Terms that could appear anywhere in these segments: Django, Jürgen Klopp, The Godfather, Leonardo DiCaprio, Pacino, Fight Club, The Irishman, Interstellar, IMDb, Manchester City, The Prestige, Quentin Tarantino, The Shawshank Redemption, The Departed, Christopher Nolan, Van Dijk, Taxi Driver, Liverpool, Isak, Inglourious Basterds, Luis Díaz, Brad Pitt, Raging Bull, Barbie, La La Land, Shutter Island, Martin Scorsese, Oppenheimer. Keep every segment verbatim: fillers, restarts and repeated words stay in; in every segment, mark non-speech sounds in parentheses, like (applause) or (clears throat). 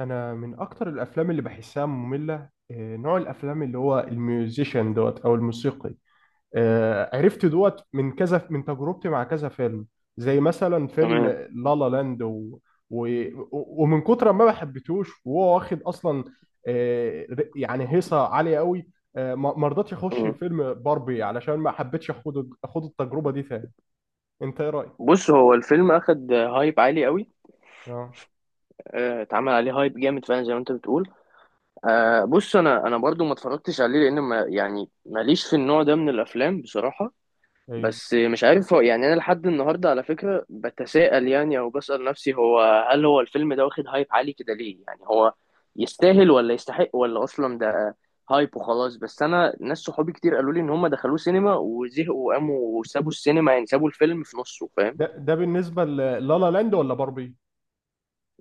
انا من اكتر الافلام اللي بحسها ممله، آه، نوع الافلام اللي هو الميوزيشن دوت او الموسيقي. آه، عرفت دوت من كذا من تجربتي مع كذا فيلم. زي مثلا فيلم تمام. لا لا لاند. و... و... ومن كتر ما ما حبيتهوش وهو واخد اصلا. آه، ر- يعني هيصه عاليه قوي. آه، ما ما رضيتش اخش مم. فيلم باربي علشان ما حبيتش اخد اخد التجربه دي تاني. انت ايه رايك؟ بص، هو الفيلم اخد هايب عالي قوي. اه. آه، اتعمل عليه هايب جامد فعلا زي ما انت بتقول. آه، بص، انا انا برضو ما اتفرجتش عليه لان ما يعني ماليش في النوع ده من الافلام بصراحة. ايوه. بس مش عارف، هو يعني انا لحد النهارده على فكرة بتساءل يعني، او بسأل نفسي هو، هل هو الفيلم ده واخد هايب عالي كده ليه؟ يعني هو يستاهل ولا يستحق، ولا اصلا ده هايب وخلاص؟ بس انا ناس صحابي كتير قالوا لي ان هم دخلوه سينما وزهقوا وقاموا وسابوا السينما، يعني سابوا الفيلم في نصه، فاهم؟ ده ده بالنسبه للا لا لا لاند ولا باربي؟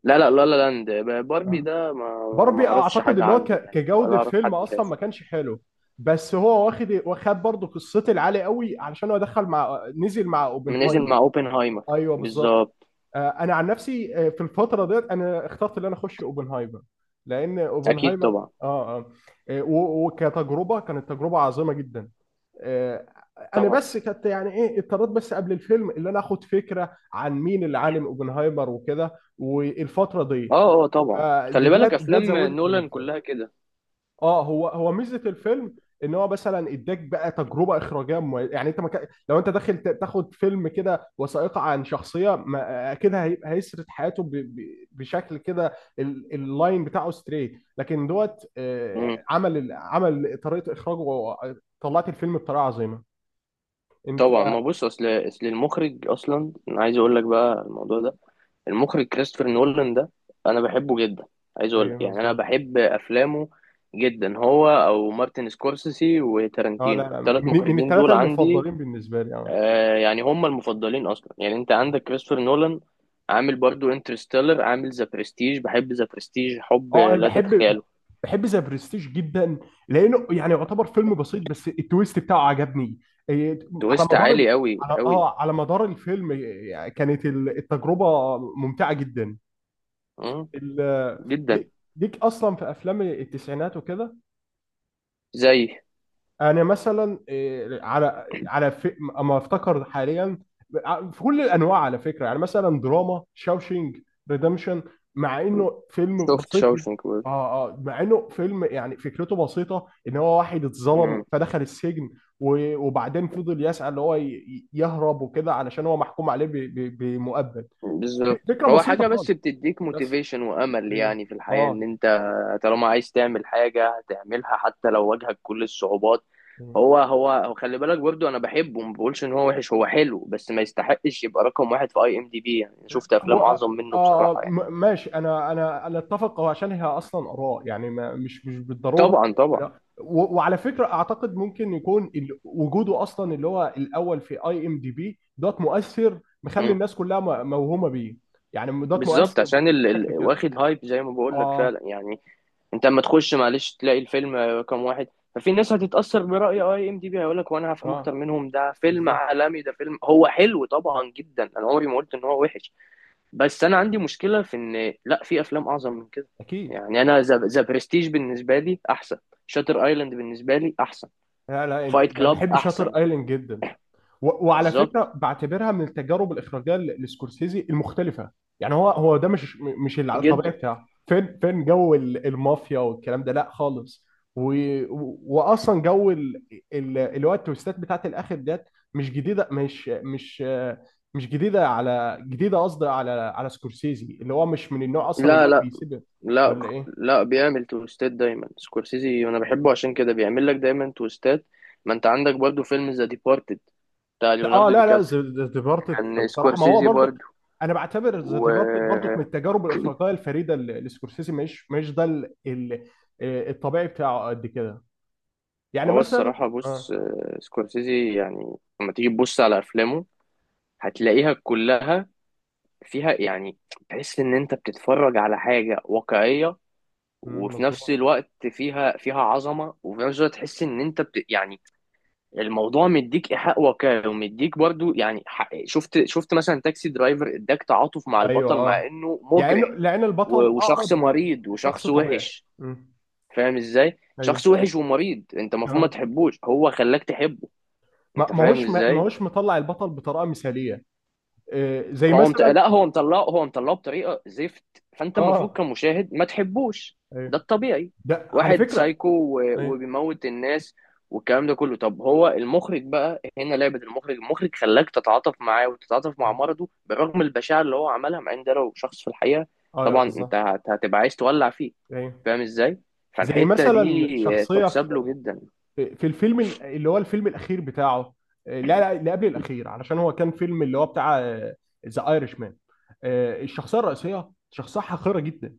لا لا، لا لا لاند. باربي آه. ده ما ما باربي اعرفش اعتقد حاجة اللي هو عنه ك- يعني، ولا كجوده اعرف فيلم حد اصلا شافه. ما كانش حلو. بس هو واخد واخد برضه قصتي العالي قوي علشان هو دخل مع نزل مع نزل اوبنهايمر. مع اوبنهايمر، ايوه، بالظبط. بالظبط. آه، انا عن نفسي، آه، في الفتره ديت انا اخترت ان انا اخش اوبنهايمر. لان اكيد اوبنهايمر طبعا. اه اه آه، و- وكتجربه كانت تجربه عظيمه جدا. آه، انا طبعا، بس كنت يعني ايه اضطريت بس قبل الفيلم ان انا اخد فكره عن مين اللي عالم اوبنهايمر وكده والفتره دي. اه اه طبعا، فده خلي ده بالك ده افلام زودت من نولان الفيلم. كلها كده. اه، هو هو ميزه الفيلم. ان هو مثلا اداك بقى تجربه اخراجيه مو- يعني انت مكا... لو انت داخل ت- تاخد فيلم كده وثائقي عن شخصيه ما... اكيد هي... هيسرد حياته ب... ب... بشكل كده ال... اللاين بتاعه ستريت، لكن دوت، آه، امم، عمل ال- عمل طريقه اخراجه، و- طلعت الفيلم بطريقه عظيمه. انت. طبعا. ما بص، اصل اصل المخرج اصلا، انا عايز اقول لك بقى الموضوع ده. المخرج كريستوفر نولان ده انا بحبه جدا. عايز اقول لك ايوه، يعني انا مظبوط. بحب افلامه جدا، هو او مارتن سكورسيسي اه، لا وتارانتينو، لا، الثلاث من من مخرجين دول الثلاثه عندي المفضلين بالنسبه لي. اه. آه يعني هم المفضلين اصلا. يعني انت عندك كريستوفر نولان، عامل برضو انترستيلر، عامل ذا برستيج. بحب ذا برستيج حب اه، انا لا بحب تتخيله. بحب ذا برستيج جدا، لانه يعني يعتبر فيلم بسيط بس التويست بتاعه عجبني. إيه، على تويست مدار عالي ال... قوي على قوي. اه على مدار الفيلم، إيه، كانت ال- التجربه ممتعه جدا. مم، ال... جدا. ليك ليك اصلا في افلام التسعينات وكده. زي انا مثلا، إيه، على على في... اما افتكر حاليا، آه، في كل الانواع على فكره، يعني مثلا دراما شاوشينج ريدمشن، مع انه فيلم شفت بسيط جدا. شاوشنك برضو. اه، اه، مع انه فيلم يعني فكرته بسيطه، ان هو واحد اتظلم فدخل السجن، و... وبعدين فضل يسعى اللي هو ي... ي- يهرب وكده علشان هو محكوم عليه ب... ب... بمؤبد. بالظبط، فكره هو بسيطه حاجة بس خالص، بتديك بس. موتيفيشن وأمل ايوه. يعني في الحياة إن اه. أنت طالما عايز تعمل حاجة هتعملها حتى لو واجهك كل الصعوبات. هو هو هو خلي بالك برضو، أنا بحبه، ما بقولش إن هو وحش، هو حلو، بس ما يستحقش يبقى رقم واحد في أي إم دي بي. يعني شفت هو. أفلام آه أعظم منه آه، بصراحة يعني. م- ماشي، انا انا انا اتفق، هو عشان هي اصلا اراء، يعني ما مش مش بالضروره. طبعا طبعا. لا، و- وعلى فكره اعتقد ممكن يكون ال- وجوده اصلا اللي هو الاول في اي ام دي بي دوت مؤثر، مخلي مم. الناس كلها م- موهومه بيه. يعني دوت بالظبط. مؤثر عشان ال... ال... بشكل كافي. واخد هايب زي ما بقول لك اه، فعلا يعني. انت اما تخش، معلش، تلاقي الفيلم آه، كام واحد، ففي ناس هتتأثر برأي اي ام دي بي، هيقول لك وانا هفهم اه، اكتر منهم، ده فيلم بالظبط. عالمي، ده فيلم هو حلو طبعا جدا، انا عمري ما قلت ان هو وحش. بس انا عندي مشكلة في ان، لا، في افلام اعظم من كده. اكيد. يعني انا ذا برستيج بالنسبة لي احسن، شاتر ايلاند بالنسبة لي احسن، لا، لا، انت فايت ده كلاب بحب شاطر احسن. ايلاند جدا. و- وعلى بالظبط، فكره بعتبرها من التجارب الاخراجيه ل- لسكورسيزي المختلفه. يعني هو هو ده مش مش الع- الطبيعي جدا. بتاعه. فين فين جو ال- المافيا والكلام ده، لا خالص. و... و- واصلا جو ال... ال... اللي هو التويستات بتاعت الاخر ديت. مش جديده، مش مش مش جديده على جديده قصدي على على سكورسيزي، اللي هو مش من النوع اصلا اللي لا، هو لا، بيسيب. لا ولا ايه؟ لا بيعمل تويستات دايما سكورسيزي، انا بحبه عشان كده بيعمل لك دايما تويستات. ما انت عندك برضو فيلم ذا ديبارتد بتاع اه، ليوناردو دي لا لا، كابريو، ذا ديبارتد كان بصراحه ما هو سكورسيزي برضك. برضو. انا بعتبر ذا وهو ديبارتد برضك من التجارب الاخراجيه الفريده اللي اللي سكورسيزي مش مش ده ال- ال- آه، الطبيعي بتاعه قد كده. يعني (clears throat) مثلا. الصراحة بص، اه. آه، سكورسيزي يعني لما تيجي تبص على أفلامه هتلاقيها كلها فيها يعني، تحس إن أنت بتتفرج على حاجة واقعية، مم، وفي مظبوط. نفس الوقت فيها فيها عظمة، وفي نفس الوقت تحس إن أنت بت يعني الموضوع مديك ايحاء واقعي ومديك برضو يعني. ح- شفت شفت مثلا تاكسي درايفر اداك تعاطف مع ايوه. البطل مع اه. انه يعني إنه- مجرم لان البطل و- وشخص اقرب ل- مريض لشخص وشخص طبيعي. وحش. مم، فاهم ازاي؟ ايوه، شخص وحش ومريض انت المفروض ما آه. تحبوش، هو خلاك تحبه. ما انت ما فاهم هوش ما ازاي؟ هوش مطلع البطل بطريقه مثاليه. آه، زي هو مت... مثلا. لا، هو مطلعه هو مطلعه بطريقه زفت، فانت المفروض اه. كمشاهد ما تحبوش، ده ايوه، الطبيعي. ده على واحد فكره. سايكو و... ايوه. وبيموت الناس والكلام ده كله. طب هو المخرج بقى هنا لعبة المخرج، المخرج خلاك تتعاطف معاه وتتعاطف مع اه. مرضه برغم البشاعة اللي هو عملها، مع ان ده لو شخص في الحقيقة آه، طبعا بالظبط. انت هت- هتبقى عايز تولع فيه. ايوه. فاهم ازاي؟ زي فالحتة مثلا دي شخصيه تحسب له جدا. في في الفيلم، ال- اللي هو الفيلم الاخير بتاعه، آه، لا لا، اللي قبل الاخير علشان هو كان فيلم اللي هو بتاع ذا ايرش مان. الشخصيه الرئيسيه شخصيه حقيره جدا.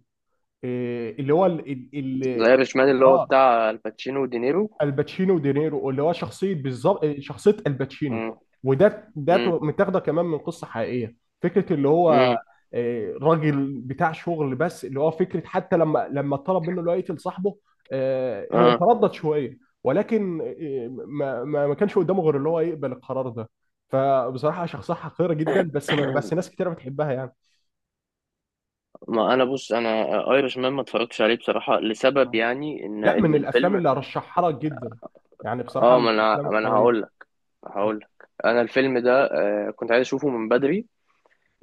آه، اللي هو ال ال ال- زي رشمان اللي هو اه، بتاع الباتشينو ودينيرو. الباتشينو ودينيرو، اللي هو شخصيه بالظبط شخصيه الباتشينو. امم. وده ده امم. تو- متاخده كمان من قصه حقيقيه. فكره اللي هو، امم. آه، راجل بتاع شغل، بس اللي هو فكره حتى لما لما طلب منه اللي هو يقتل صاحبه، آه، هو اه. تردد شويه. ولكن آه، ما ما ما كانش قدامه غير اللي هو يقبل القرار ده. فبصراحه شخصيه حقيره جدا، (clears throat) بس بس (coughs) ناس كتير بتحبها يعني. ما انا بص، انا ايرش مان ما اتفرجتش عليه بصراحه لسبب، يعني ان لا، من ان الافلام الفيلم اللي ارشحها لك جدا، يعني بصراحه اه. ما من انا الافلام ما انا القويه. هقول لك. هقول لك انا الفيلم ده آه، كنت عايز اشوفه من بدري،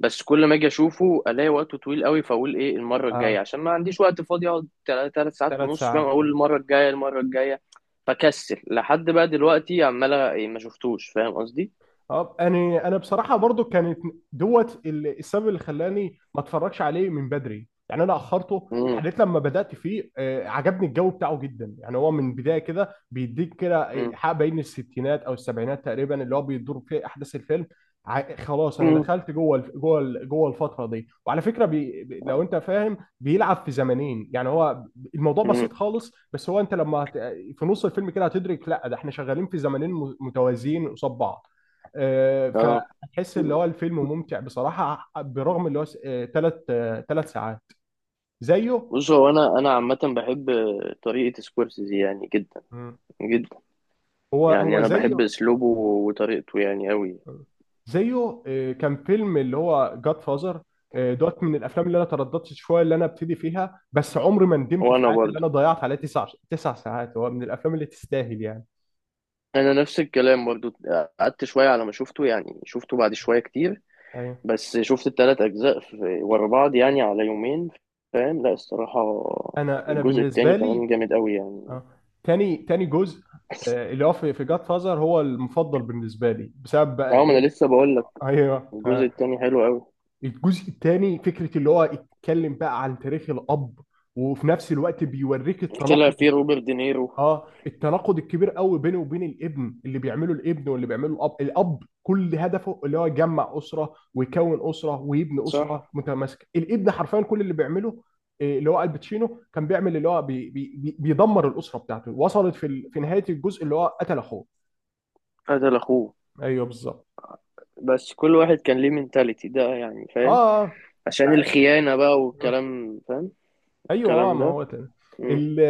بس كل ما اجي اشوفه الاقي وقته طويل قوي، فاقول ايه المره الجايه اه، عشان ما عنديش وقت فاضي اقعد ثلاث ساعات ثلاث ونص، فاهم؟ ساعات اقول المره الجايه المره الجايه، فكسل لحد بقى دلوقتي عمال إيه، ما شفتوش، فاهم قصدي؟ اه، انا انا بصراحه برضو كانت دوت ال- السبب اللي خلاني ما اتفرجش عليه من بدري، يعني انا اخرته امم لحد لما بدات فيه. آه، عجبني الجو بتاعه جدا، يعني هو من بدايه كده بيديك كده، آه، امم حق بين الستينات او السبعينات تقريبا اللي هو بيدور فيه احداث الفيلم. ع- خلاص، انا امم دخلت جوه الف- جوه ال- جوه الفتره دي. وعلى فكره بي لو انت فاهم بيلعب في زمنين، يعني هو الموضوع امم بسيط خالص، بس هو انت لما هت- في نص الفيلم كده هتدرك لا، ده احنا شغالين في زمنين م- متوازيين قصاد بعض. اه. فتحس اللي هو الفيلم ممتع بصراحة برغم اللي هو ثلاث ثلاث ساعات. زيه. بص، هو انا انا عامه بحب طريقه سكورسيزي يعني جدا مم. جدا، هو يعني هو انا بحب زيه. اسلوبه وطريقته يعني قوي. زيه، آه، كان فيلم اللي هو جاد فازر دوت من الافلام اللي انا ترددت شويه اللي انا ابتدي فيها، بس عمري ما ندمت في وانا حياتي اللي انا برضه ضيعت عليها تسع تسع ساعات، هو من الافلام اللي تستاهل يعني. انا نفس الكلام برضه، قعدت شويه على ما شفته، يعني شفته بعد شويه كتير. ايوه، بس شفت التلات اجزاء في ورا بعض يعني على يومين، فاهم؟ لا، الصراحه انا انا الجزء التاني بالنسبه لي. كمان جامد قوي يعني آه، (laughs) تاني تاني جزء، آه، اللي هو في في جاد فازر هو المفضل بالنسبه لي بسبب بقى اه ما ايه. انا لسه بقول لك (laughs) ايوه. الجزء التاني حلو قوي. الجزء الثاني فكره اللي هو اتكلم بقى عن تاريخ الاب، وفي نفس الوقت بيوريك طلع التناقض. فيه روبرت دينيرو. اه، التناقض الكبير قوي بينه وبين الابن، اللي بيعمله الابن واللي بيعمله الاب الاب كل هدفه اللي هو يجمع اسره ويكون اسره ويبني صح. اسره متماسكه. الابن حرفيا كل اللي بيعمله، آه، اللي هو الباتشينو، كان بيعمل اللي هو بي بي بي بيدمر الاسره بتاعته. وصلت في ال... في نهايه الجزء اللي هو قتل اخوه. قتل اخوه. ايوه، بالظبط. بس كل واحد كان ليه منتاليتي ده، يعني فاهم؟ اه، عشان معايا. الخيانه بقى والكلام، فاهم؟ ايوه، اه، الكلام ما ده. هو تاني. مم. ال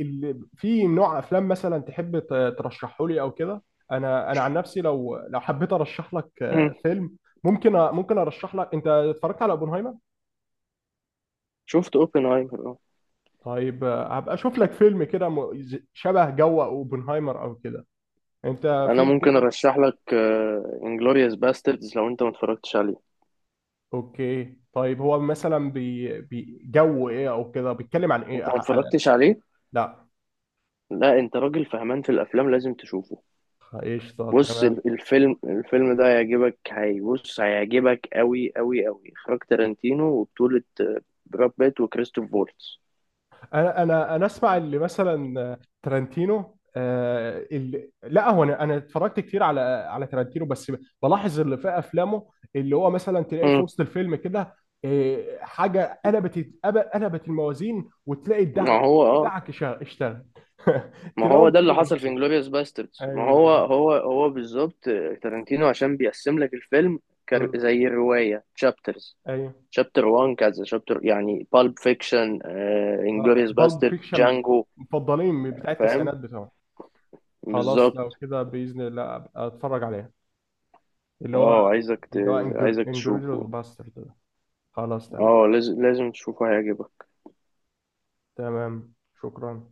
ال في نوع افلام مثلا تحب ترشحه لي او كده؟ انا انا عن نفسي، لو لو حبيت ارشح لك آه، (clears throat) فيلم، ممكن أ- ممكن ارشح لك. انت اتفرجت على اوبنهايمر؟ شفت اوبنهايمر اه. طيب، آه، هبقى اشوف لك فيلم كده م- ز- شبه جو اوبنهايمر او كده. انت انا في ممكن فيلم. ارشح لك انجلوريوس باستردز لو انت ما اتفرجتش عليه. اوكي، طيب، هو مثلا بي... بي... جو ايه او كده بيتكلم عن ايه، انت ما ح- على. اتفرجتش عليه؟ لا، لا، انت راجل فهمان في الافلام، لازم تشوفه. قشطه، بص، تمام. ال- الفيلم الفيلم ده هيعجبك، هي بص هيعجبك قوي قوي قوي، اخراج تارانتينو وبطولة آه، براد بيت وكريستوف فولتز. انا انا انا اسمع اللي مثلا ترنتينو، آه، اللي لا هو، انا انا اتفرجت كتير على على ترنتينو، بس بلاحظ اللي في افلامه، اللي هو مثلا تلاقيه في مم. وسط الفيلم كده، آه، حاجه قلبت قلبت الموازين، وتلاقي ما الدعك هو اه. دعك شا- اشتغل. (laughs) ما تلاقيهم هو ده كده اللي حصل بيضربوا. في انجلوريوس باستردز، ما ايوه، هو بالظبط. هو هو بالظبط. آه، تارانتينو عشان بيقسم لك الفيلم، كر- مم. زي الرواية، تشابترز. ايوه، شابتر واحد، كذا شابتر يعني، بالب فيكشن، اه. انجلوريوس بالب باستر، فيكشن من جانجو. المفضلين بتاع فاهم؟ التسعينات بتوعه. خلاص، بالظبط. لو كده باذن الله أبقى اتفرج عليها، اللي هو اه عايزك ت... اللي هو عايزك انجريديوس تشوفه. باسترد. خلاص، تمام، اه، لازم لازم تشوفه هيعجبك. تمام، شكرا.